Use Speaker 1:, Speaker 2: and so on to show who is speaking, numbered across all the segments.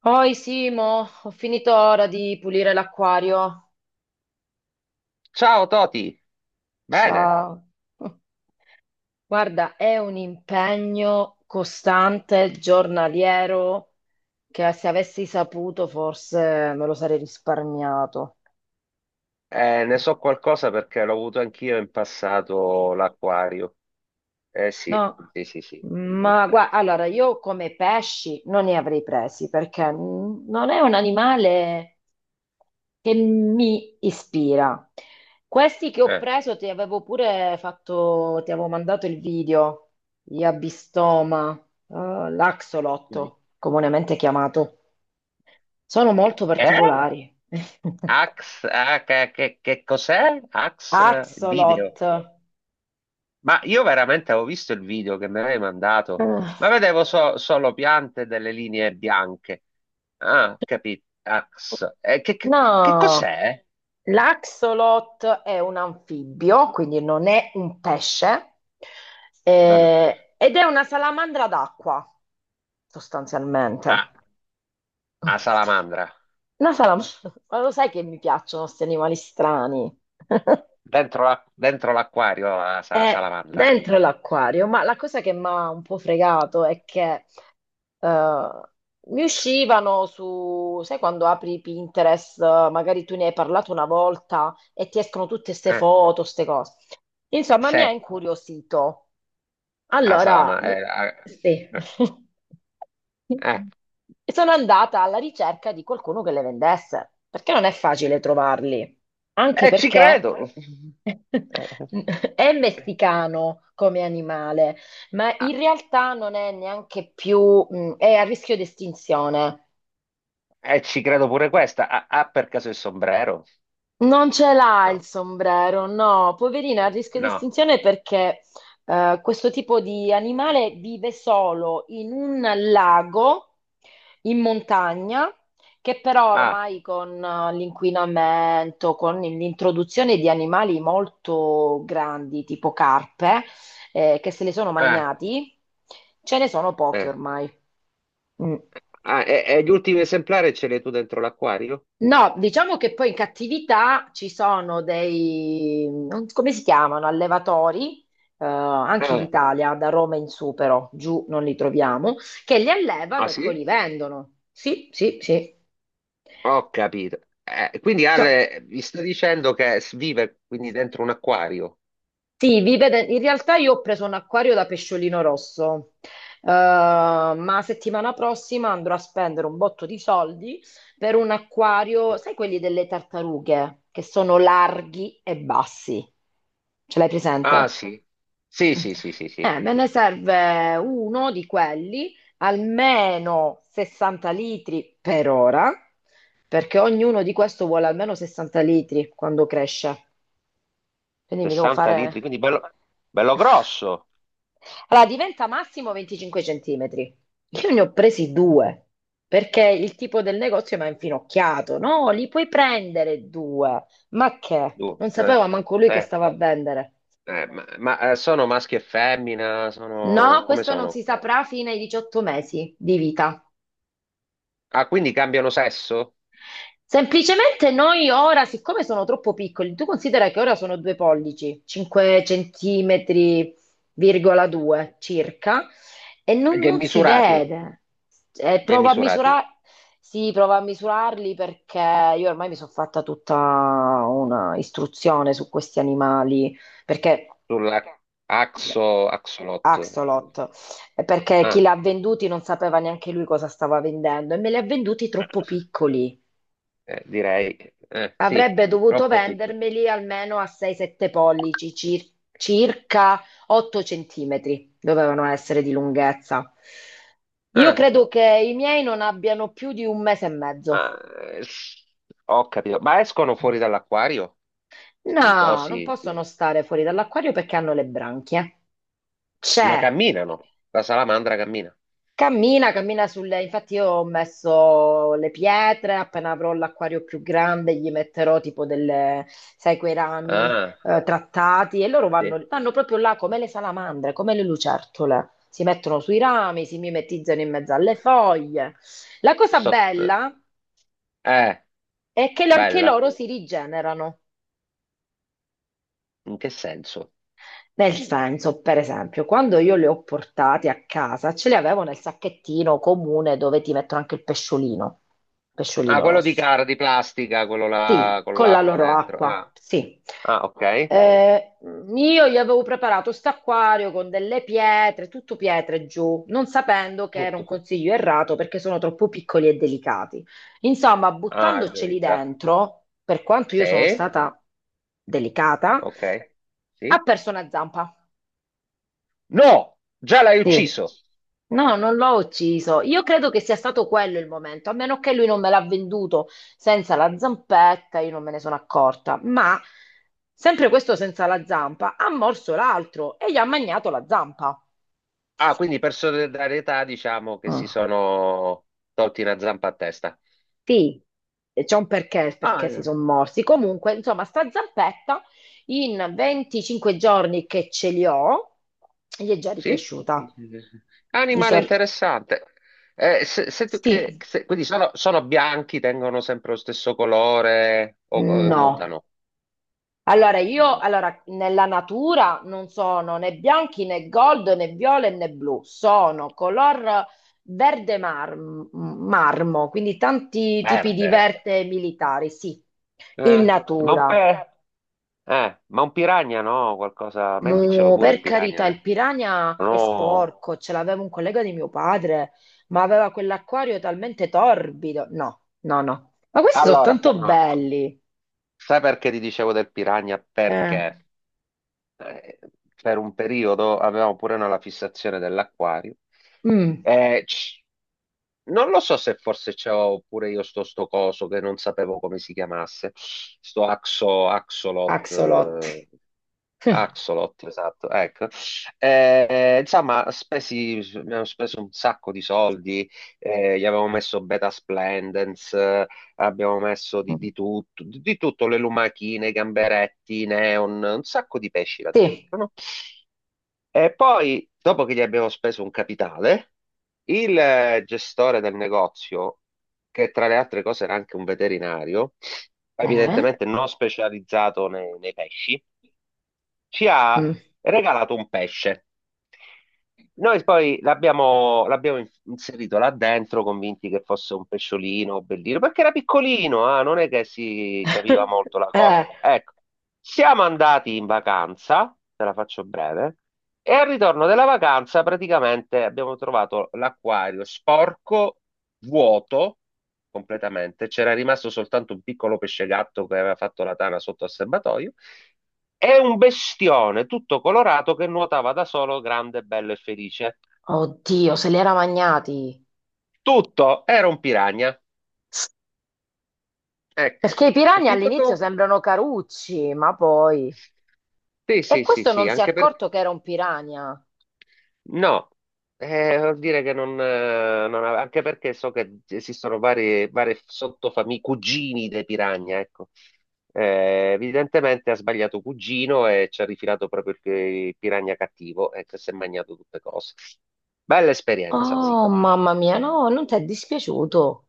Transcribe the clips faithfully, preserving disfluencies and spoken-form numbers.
Speaker 1: Poi Simo, ho finito ora di pulire l'acquario.
Speaker 2: Ciao Toti, bene.
Speaker 1: Ciao. Guarda, è un impegno costante, giornaliero, che se avessi saputo forse me lo sarei risparmiato.
Speaker 2: Eh, ne so qualcosa perché l'ho avuto anch'io in passato l'acquario. Eh sì,
Speaker 1: No,
Speaker 2: sì, sì, sì, in
Speaker 1: ma guarda,
Speaker 2: effetti.
Speaker 1: allora io come pesci non ne avrei presi perché mm, non è un animale che mi ispira. Questi che ho
Speaker 2: Eh?
Speaker 1: preso ti avevo pure fatto, ti avevo mandato il video, gli Abistoma, eh, l'Axolotto, comunemente chiamato. Sono molto
Speaker 2: Eh?
Speaker 1: particolari.
Speaker 2: Ax, ah, che, che- che cos'è? Ax, eh, il video.
Speaker 1: Axolot. Ah,
Speaker 2: Ma io veramente avevo visto il video che mi avevi mandato, ma vedevo so- solo piante e delle linee bianche. Ah, capito, Ax. Eh, che, che-
Speaker 1: no,
Speaker 2: che- che cos'è?
Speaker 1: l'axolot è un anfibio, quindi non è un pesce,
Speaker 2: Non ho preso.
Speaker 1: eh, ed è una salamandra d'acqua,
Speaker 2: Ah,
Speaker 1: sostanzialmente.
Speaker 2: a salamandra.
Speaker 1: Una salamandra, ma lo sai che mi piacciono questi animali strani?
Speaker 2: Dentro la- dentro l'acquario la sa-
Speaker 1: È
Speaker 2: salamandra.
Speaker 1: dentro l'acquario, ma la cosa che mi ha un po' fregato è che eh, mi uscivano su, sai quando apri Pinterest, eh, magari tu ne hai parlato una volta e ti escono tutte queste
Speaker 2: Eh,
Speaker 1: foto, queste cose. Insomma, mi ha
Speaker 2: se
Speaker 1: incuriosito.
Speaker 2: a
Speaker 1: Allora, mi-
Speaker 2: salamandra. Eh,
Speaker 1: sì.
Speaker 2: eh, eh.
Speaker 1: E Sono andata alla ricerca di qualcuno che le vendesse, perché non è facile trovarli, anche
Speaker 2: Eh, ci
Speaker 1: perché
Speaker 2: credo. Eh,
Speaker 1: è
Speaker 2: eh.
Speaker 1: messicano come animale, ma
Speaker 2: Ah,
Speaker 1: in realtà non è neanche più, mh, è a rischio di estinzione.
Speaker 2: eh, ci credo pure questa. Ha ha per caso il sombrero?
Speaker 1: Non ce l'ha il
Speaker 2: No,
Speaker 1: sombrero, no, poverina, a rischio di
Speaker 2: no.
Speaker 1: estinzione perché eh, questo tipo di animale vive solo in un lago in montagna, che però
Speaker 2: Ah,
Speaker 1: ormai con eh, l'inquinamento, con l'introduzione di animali molto grandi, tipo carpe, eh, che se li sono
Speaker 2: eh,
Speaker 1: magnati, ce ne sono pochi
Speaker 2: eh.
Speaker 1: ormai. Mm.
Speaker 2: Ah, e, e gli ultimi esemplari ce li hai tu dentro l'acquario?
Speaker 1: No, diciamo che poi in cattività ci sono dei, non- so come si chiamano, allevatori, eh, anche in
Speaker 2: Eh,
Speaker 1: Italia, da Roma in su però, giù non li troviamo, che li allevano
Speaker 2: ah
Speaker 1: e poi li
Speaker 2: sì?
Speaker 1: vendono. Sì, sì, sì.
Speaker 2: Ho capito. Eh, quindi
Speaker 1: Cioè,
Speaker 2: Ale mi sta dicendo che s- vive quindi dentro un acquario.
Speaker 1: sì, vive de- in realtà io ho preso un acquario da pesciolino rosso, eh, ma settimana prossima andrò a spendere un botto di soldi per un acquario, sai quelli delle tartarughe, che sono larghi e bassi. Ce l'hai
Speaker 2: Ah
Speaker 1: presente?
Speaker 2: sì. Sì, sì, sì, sì, sì.
Speaker 1: Eh, me ne serve uno di quelli, almeno sessanta litri per ora, perché ognuno di questo vuole almeno sessanta litri quando cresce. Quindi mi devo
Speaker 2: sessanta litri,
Speaker 1: fare...
Speaker 2: quindi bello, bello grosso.
Speaker 1: Allora, diventa massimo venticinque centimetri. Io ne ho presi due, perché il tipo del negozio mi ha infinocchiato. No, li puoi prendere due. Ma
Speaker 2: Tu,
Speaker 1: che? Non
Speaker 2: eh,
Speaker 1: sapeva manco lui che
Speaker 2: eh,
Speaker 1: stava a vendere.
Speaker 2: eh, ma ma, eh, sono maschi e femmina? Sono,
Speaker 1: No,
Speaker 2: come
Speaker 1: questo non
Speaker 2: sono?
Speaker 1: si saprà fino ai diciotto mesi di vita.
Speaker 2: Ah, quindi cambiano sesso?
Speaker 1: Semplicemente noi ora, siccome sono troppo piccoli, tu considera che ora sono due pollici, cinque centimetri, virgola due circa, e non,
Speaker 2: Gli è
Speaker 1: non si
Speaker 2: misurati,
Speaker 1: vede. Eh,
Speaker 2: gli è
Speaker 1: provo a
Speaker 2: misurati
Speaker 1: misurare, sì, provo a misurarli perché io ormai mi sono fatta tutta una istruzione su questi animali, perché
Speaker 2: sulla axo, axolot.
Speaker 1: Axolot, eh, perché chi li
Speaker 2: Ah,
Speaker 1: ha venduti non sapeva neanche lui cosa stava vendendo e me li ha venduti troppo piccoli.
Speaker 2: eh, direi, eh, sì,
Speaker 1: Avrebbe dovuto
Speaker 2: troppo piccolo.
Speaker 1: vendermeli almeno a sei sette pollici, cir- circa otto centimetri dovevano essere di lunghezza. Io
Speaker 2: Ah,
Speaker 1: credo che i miei non abbiano più di un mese e mezzo.
Speaker 2: ma, eh, s- Ho capito. Ma escono fuori dall'acquario? Sti
Speaker 1: No, non
Speaker 2: cosi,
Speaker 1: possono stare fuori dall'acquario perché hanno le branchie.
Speaker 2: ma
Speaker 1: C'è
Speaker 2: camminano. La salamandra cammina.
Speaker 1: Cammina, cammina sulle... Infatti io ho messo le pietre, appena avrò l'acquario più grande gli metterò tipo delle, sai, quei rami
Speaker 2: Ah.
Speaker 1: eh, trattati e loro
Speaker 2: Sì.
Speaker 1: vanno, vanno proprio là come le salamandre, come le lucertole. Si mettono sui rami, si mimetizzano in mezzo alle foglie. La cosa
Speaker 2: Sotto...
Speaker 1: bella
Speaker 2: Eh,
Speaker 1: è che anche
Speaker 2: bella.
Speaker 1: loro si rigenerano.
Speaker 2: In che senso?
Speaker 1: Nel senso, per esempio, quando io le ho portate a casa, ce le avevo nel sacchettino comune dove ti mettono anche il pesciolino,
Speaker 2: Ah,
Speaker 1: pesciolino
Speaker 2: quello di
Speaker 1: rosso.
Speaker 2: cara, di plastica, quello là
Speaker 1: Sì,
Speaker 2: con
Speaker 1: con la
Speaker 2: l'acqua
Speaker 1: loro
Speaker 2: dentro.
Speaker 1: acqua,
Speaker 2: Ah,
Speaker 1: sì.
Speaker 2: ah, ok.
Speaker 1: Eh, io gli avevo preparato st'acquario con delle pietre, tutto pietre giù, non sapendo che era un
Speaker 2: Tutto.
Speaker 1: consiglio errato perché sono troppo piccoli e delicati. Insomma,
Speaker 2: Ah,
Speaker 1: buttandoceli
Speaker 2: gioita.
Speaker 1: dentro, per quanto io sono
Speaker 2: Sì,
Speaker 1: stata delicata,
Speaker 2: ok.
Speaker 1: ha
Speaker 2: Sì.
Speaker 1: perso una zampa.
Speaker 2: No, già l'hai
Speaker 1: Sì.
Speaker 2: ucciso.
Speaker 1: No, non l'ho ucciso. Io credo che sia stato quello il momento, a meno che lui non me l'ha venduto senza la zampetta, io non me ne sono accorta. Ma sempre questo senza la zampa ha morso l'altro e gli ha magnato la zampa.
Speaker 2: Ah, quindi per solidarietà diciamo che
Speaker 1: Mm.
Speaker 2: si sono tolti una zampa a testa.
Speaker 1: Sì, e c'è un perché, perché si
Speaker 2: Ah,
Speaker 1: sono morsi. Comunque, insomma, sta zampetta in venticinque giorni che ce li ho, gli è già
Speaker 2: sì?
Speaker 1: ricresciuta. Gli so-
Speaker 2: Animale interessante. Eh, se- se tu- che-
Speaker 1: Sì,
Speaker 2: se- quindi sono, sono bianchi, tengono sempre lo stesso colore o eh,
Speaker 1: no.
Speaker 2: mutano?
Speaker 1: Allora, io
Speaker 2: No.
Speaker 1: allora, nella natura non sono né bianchi né gold né viola né blu, sono color verde mar- marmo, quindi tanti tipi di
Speaker 2: Verde.
Speaker 1: verde militari, sì, in
Speaker 2: Eh, ma un
Speaker 1: natura.
Speaker 2: pe- eh, ma un piranha no, qualcosa, metticelo
Speaker 1: No,
Speaker 2: pure il
Speaker 1: per carità,
Speaker 2: piranha. Eh.
Speaker 1: il piranha è
Speaker 2: No.
Speaker 1: sporco, ce l'aveva un collega di mio padre, ma aveva quell'acquario talmente torbido. No, no, no. Ma questi sono
Speaker 2: Allora,
Speaker 1: tanto
Speaker 2: no.
Speaker 1: belli.
Speaker 2: Sai perché ti dicevo del piranha?
Speaker 1: Eh.
Speaker 2: Perché? Eh, per un periodo avevamo pure noi la fissazione dell'acquario.
Speaker 1: Mm,
Speaker 2: Eh, c- non lo so se forse c'avevo pure io sto, sto coso che non sapevo come si chiamasse, sto axo, axolot,
Speaker 1: axolot.
Speaker 2: eh, axolot, esatto, ecco. Eh, insomma, spesi, abbiamo speso un sacco di soldi, eh, gli avevo messo beta splendens, abbiamo messo di, di tutto, di, di tutto, le lumachine, i gamberetti, i neon, un sacco di pesci là
Speaker 1: Sì.
Speaker 2: dentro, no? E poi, dopo che gli abbiamo speso un capitale, il eh, gestore del negozio, che tra le altre cose era anche un veterinario,
Speaker 1: Eh?
Speaker 2: evidentemente non specializzato nei, nei pesci, ci
Speaker 1: Mm.
Speaker 2: ha regalato un pesce. Noi poi l'abbiamo l'abbiamo in- inserito là dentro, convinti che fosse un pesciolino bellino, perché era piccolino, ah, non è che si capiva molto la
Speaker 1: Eh,
Speaker 2: cosa. Ecco, siamo andati in vacanza, te la faccio breve, e al ritorno della vacanza praticamente abbiamo trovato l'acquario sporco, vuoto completamente, c'era rimasto soltanto un piccolo pesce gatto che aveva fatto la tana sotto al serbatoio è un bestione tutto colorato che nuotava da solo, grande, bello e felice.
Speaker 1: oddio, se li era magnati.
Speaker 2: Tutto era un piragna. Ecco,
Speaker 1: Perché i piranha
Speaker 2: capito
Speaker 1: all'inizio
Speaker 2: tu?
Speaker 1: sembrano carucci, ma poi...
Speaker 2: Sì,
Speaker 1: E
Speaker 2: sì, sì,
Speaker 1: questo
Speaker 2: sì,
Speaker 1: non si è
Speaker 2: anche perché...
Speaker 1: accorto che era un piranha.
Speaker 2: No, eh, vuol dire che non... eh, non ave- Anche perché so che esistono varie, varie sottofamiglie, cugini dei piragna, ecco. Eh, evidentemente ha sbagliato cugino e ci ha rifilato proprio il pi- il piragna cattivo, ecco, e che si è mangiato tutte cose. Bella esperienza, sì.
Speaker 1: Oh, mamma mia, no, non ti è dispiaciuto.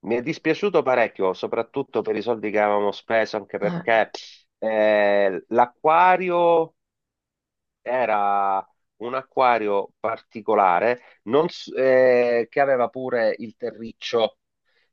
Speaker 2: Mi è dispiaciuto parecchio, soprattutto per i soldi che avevamo speso, anche
Speaker 1: Eh,
Speaker 2: perché eh, l'acquario era un acquario particolare, non s- eh, che aveva pure il terriccio.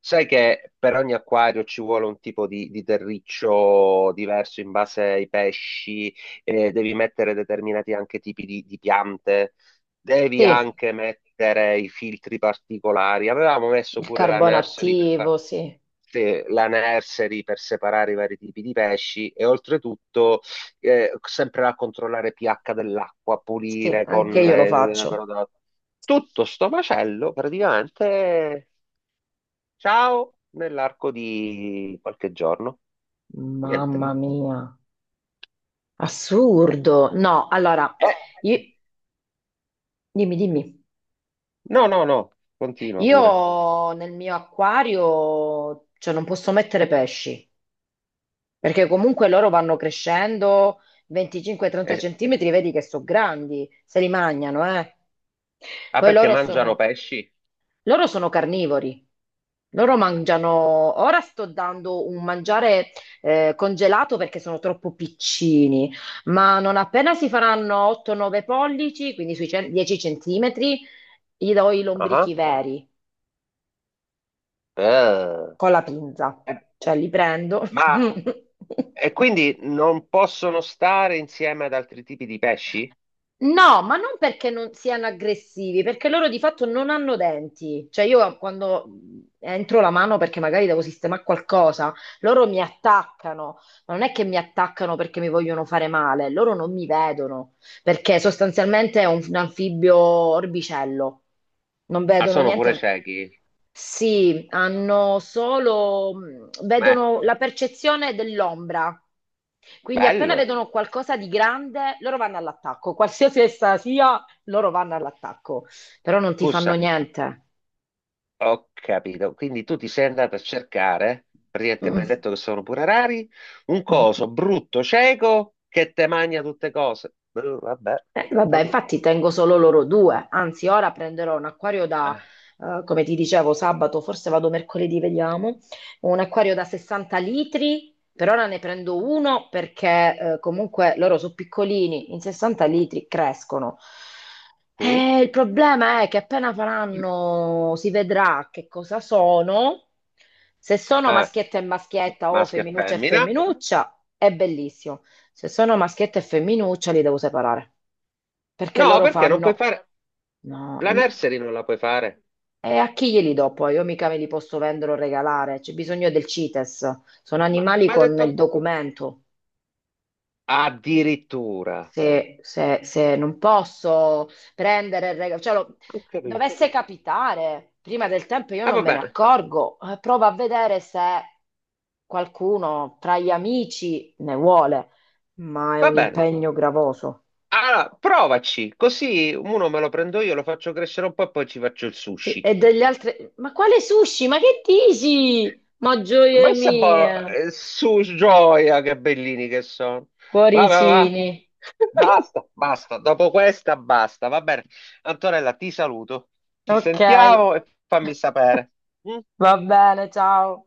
Speaker 2: Sai che per ogni acquario ci vuole un tipo di, di terriccio diverso in base ai pesci, eh, devi mettere determinati anche tipi di, di piante, devi
Speaker 1: sì,
Speaker 2: anche mettere i filtri particolari. Avevamo messo
Speaker 1: il
Speaker 2: pure la
Speaker 1: carbone
Speaker 2: nursery per far-
Speaker 1: attivo, sì.
Speaker 2: sì, la nursery per separare i vari tipi di pesci e oltretutto eh, sempre a controllare pH dell'acqua,
Speaker 1: Sì,
Speaker 2: pulire
Speaker 1: anche
Speaker 2: con
Speaker 1: io lo
Speaker 2: eh,
Speaker 1: faccio.
Speaker 2: però da- tutto sto macello praticamente ciao nell'arco di qualche giorno. Niente.
Speaker 1: Mamma mia,
Speaker 2: Eh,
Speaker 1: assurdo. No, allora,
Speaker 2: eh,
Speaker 1: i- dimmi, dimmi.
Speaker 2: No, no, no, continua pure.
Speaker 1: Io nel mio acquario, cioè, non posso mettere pesci. Perché comunque loro vanno crescendo venticinque trenta
Speaker 2: Eh,
Speaker 1: centimetri, vedi che sono grandi, se li mangiano, eh.
Speaker 2: ah,
Speaker 1: Poi
Speaker 2: perché
Speaker 1: loro
Speaker 2: mangiano
Speaker 1: sono,
Speaker 2: pesci?
Speaker 1: loro sono carnivori. Loro mangiano, ora sto dando un mangiare eh, congelato perché sono troppo piccini, ma non appena si faranno otto nove pollici, quindi sui cen- dieci centimetri, gli do i
Speaker 2: Ah,
Speaker 1: lombrichi
Speaker 2: ah.
Speaker 1: veri
Speaker 2: Eh,
Speaker 1: con la pinza,
Speaker 2: eh,
Speaker 1: cioè li prendo.
Speaker 2: ma e quindi non possono stare insieme ad altri tipi di pesci?
Speaker 1: No, ma non perché non siano aggressivi, perché loro di fatto non hanno denti. Cioè io quando mh, entro la mano perché magari devo sistemare qualcosa, loro mi attaccano, ma non è che mi attaccano perché mi vogliono fare male, loro non mi vedono, perché sostanzialmente è un, un anfibio orbicello, non
Speaker 2: Ah,
Speaker 1: vedono
Speaker 2: sono pure
Speaker 1: niente.
Speaker 2: ciechi.
Speaker 1: Sì, hanno solo, mh,
Speaker 2: Beh,
Speaker 1: vedono la percezione dell'ombra. Quindi appena
Speaker 2: bello.
Speaker 1: vedono qualcosa di grande, loro vanno all'attacco. Qualsiasi essa sia, loro vanno all'attacco. Però non ti fanno
Speaker 2: Scusa.
Speaker 1: niente.
Speaker 2: Ho capito. Quindi tu ti sei andato a cercare, praticamente mi
Speaker 1: Mm.
Speaker 2: hai detto che sono pure rari, un
Speaker 1: Mm.
Speaker 2: coso brutto, cieco, che te mangia tutte cose. Eh, vabbè,
Speaker 1: Eh, vabbè,
Speaker 2: contenta tu.
Speaker 1: infatti tengo solo loro due, anzi ora prenderò un acquario da,
Speaker 2: Ah,
Speaker 1: eh, come ti dicevo, sabato, forse vado mercoledì, vediamo, un acquario da sessanta litri, per ora ne prendo uno perché eh, comunque loro sono piccolini, in sessanta litri crescono.
Speaker 2: sì?
Speaker 1: Eh, il problema è che appena faranno, si vedrà che cosa sono, se sono
Speaker 2: Ah,
Speaker 1: maschietta e
Speaker 2: ma-
Speaker 1: maschietta o
Speaker 2: maschio e
Speaker 1: femminuccia e
Speaker 2: femmina?
Speaker 1: femminuccia, è bellissimo, se sono maschietta e femminuccia li devo separare perché
Speaker 2: No,
Speaker 1: loro
Speaker 2: perché non puoi
Speaker 1: fanno...
Speaker 2: fare...
Speaker 1: No,
Speaker 2: La
Speaker 1: n-
Speaker 2: nursery non la puoi fare.
Speaker 1: e a chi glieli do poi? Io mica me li posso vendere o regalare, c'è bisogno del CITES, sono
Speaker 2: Ma
Speaker 1: animali
Speaker 2: mi ha
Speaker 1: con il
Speaker 2: detto...
Speaker 1: documento.
Speaker 2: Addirittura.
Speaker 1: Se, se- se non posso prendere il regalo, cioè, lo-
Speaker 2: Ho capito.
Speaker 1: dovesse capitare prima del tempo, io
Speaker 2: Ah,
Speaker 1: non
Speaker 2: va
Speaker 1: me ne
Speaker 2: bene,
Speaker 1: accorgo, Eh, provo a vedere se qualcuno tra gli amici ne vuole, ma è
Speaker 2: va
Speaker 1: un
Speaker 2: bene.
Speaker 1: impegno gravoso.
Speaker 2: Allora, provaci, così uno me lo prendo io, lo faccio crescere un po' e poi ci faccio il
Speaker 1: Sì,
Speaker 2: sushi.
Speaker 1: e degli altri, ma quale sushi? Ma che dici? Ma
Speaker 2: Ma
Speaker 1: gioie
Speaker 2: Questa è buona.
Speaker 1: mie!
Speaker 2: Eh, Su gioia, che bellini che sono. Va, va, va.
Speaker 1: Cuoricini.
Speaker 2: Basta, basta. Dopo questa, basta. Va bene. Antonella, ti saluto. Ci
Speaker 1: Ok,
Speaker 2: sentiamo e fammi sapere. Mm?
Speaker 1: va bene, ciao.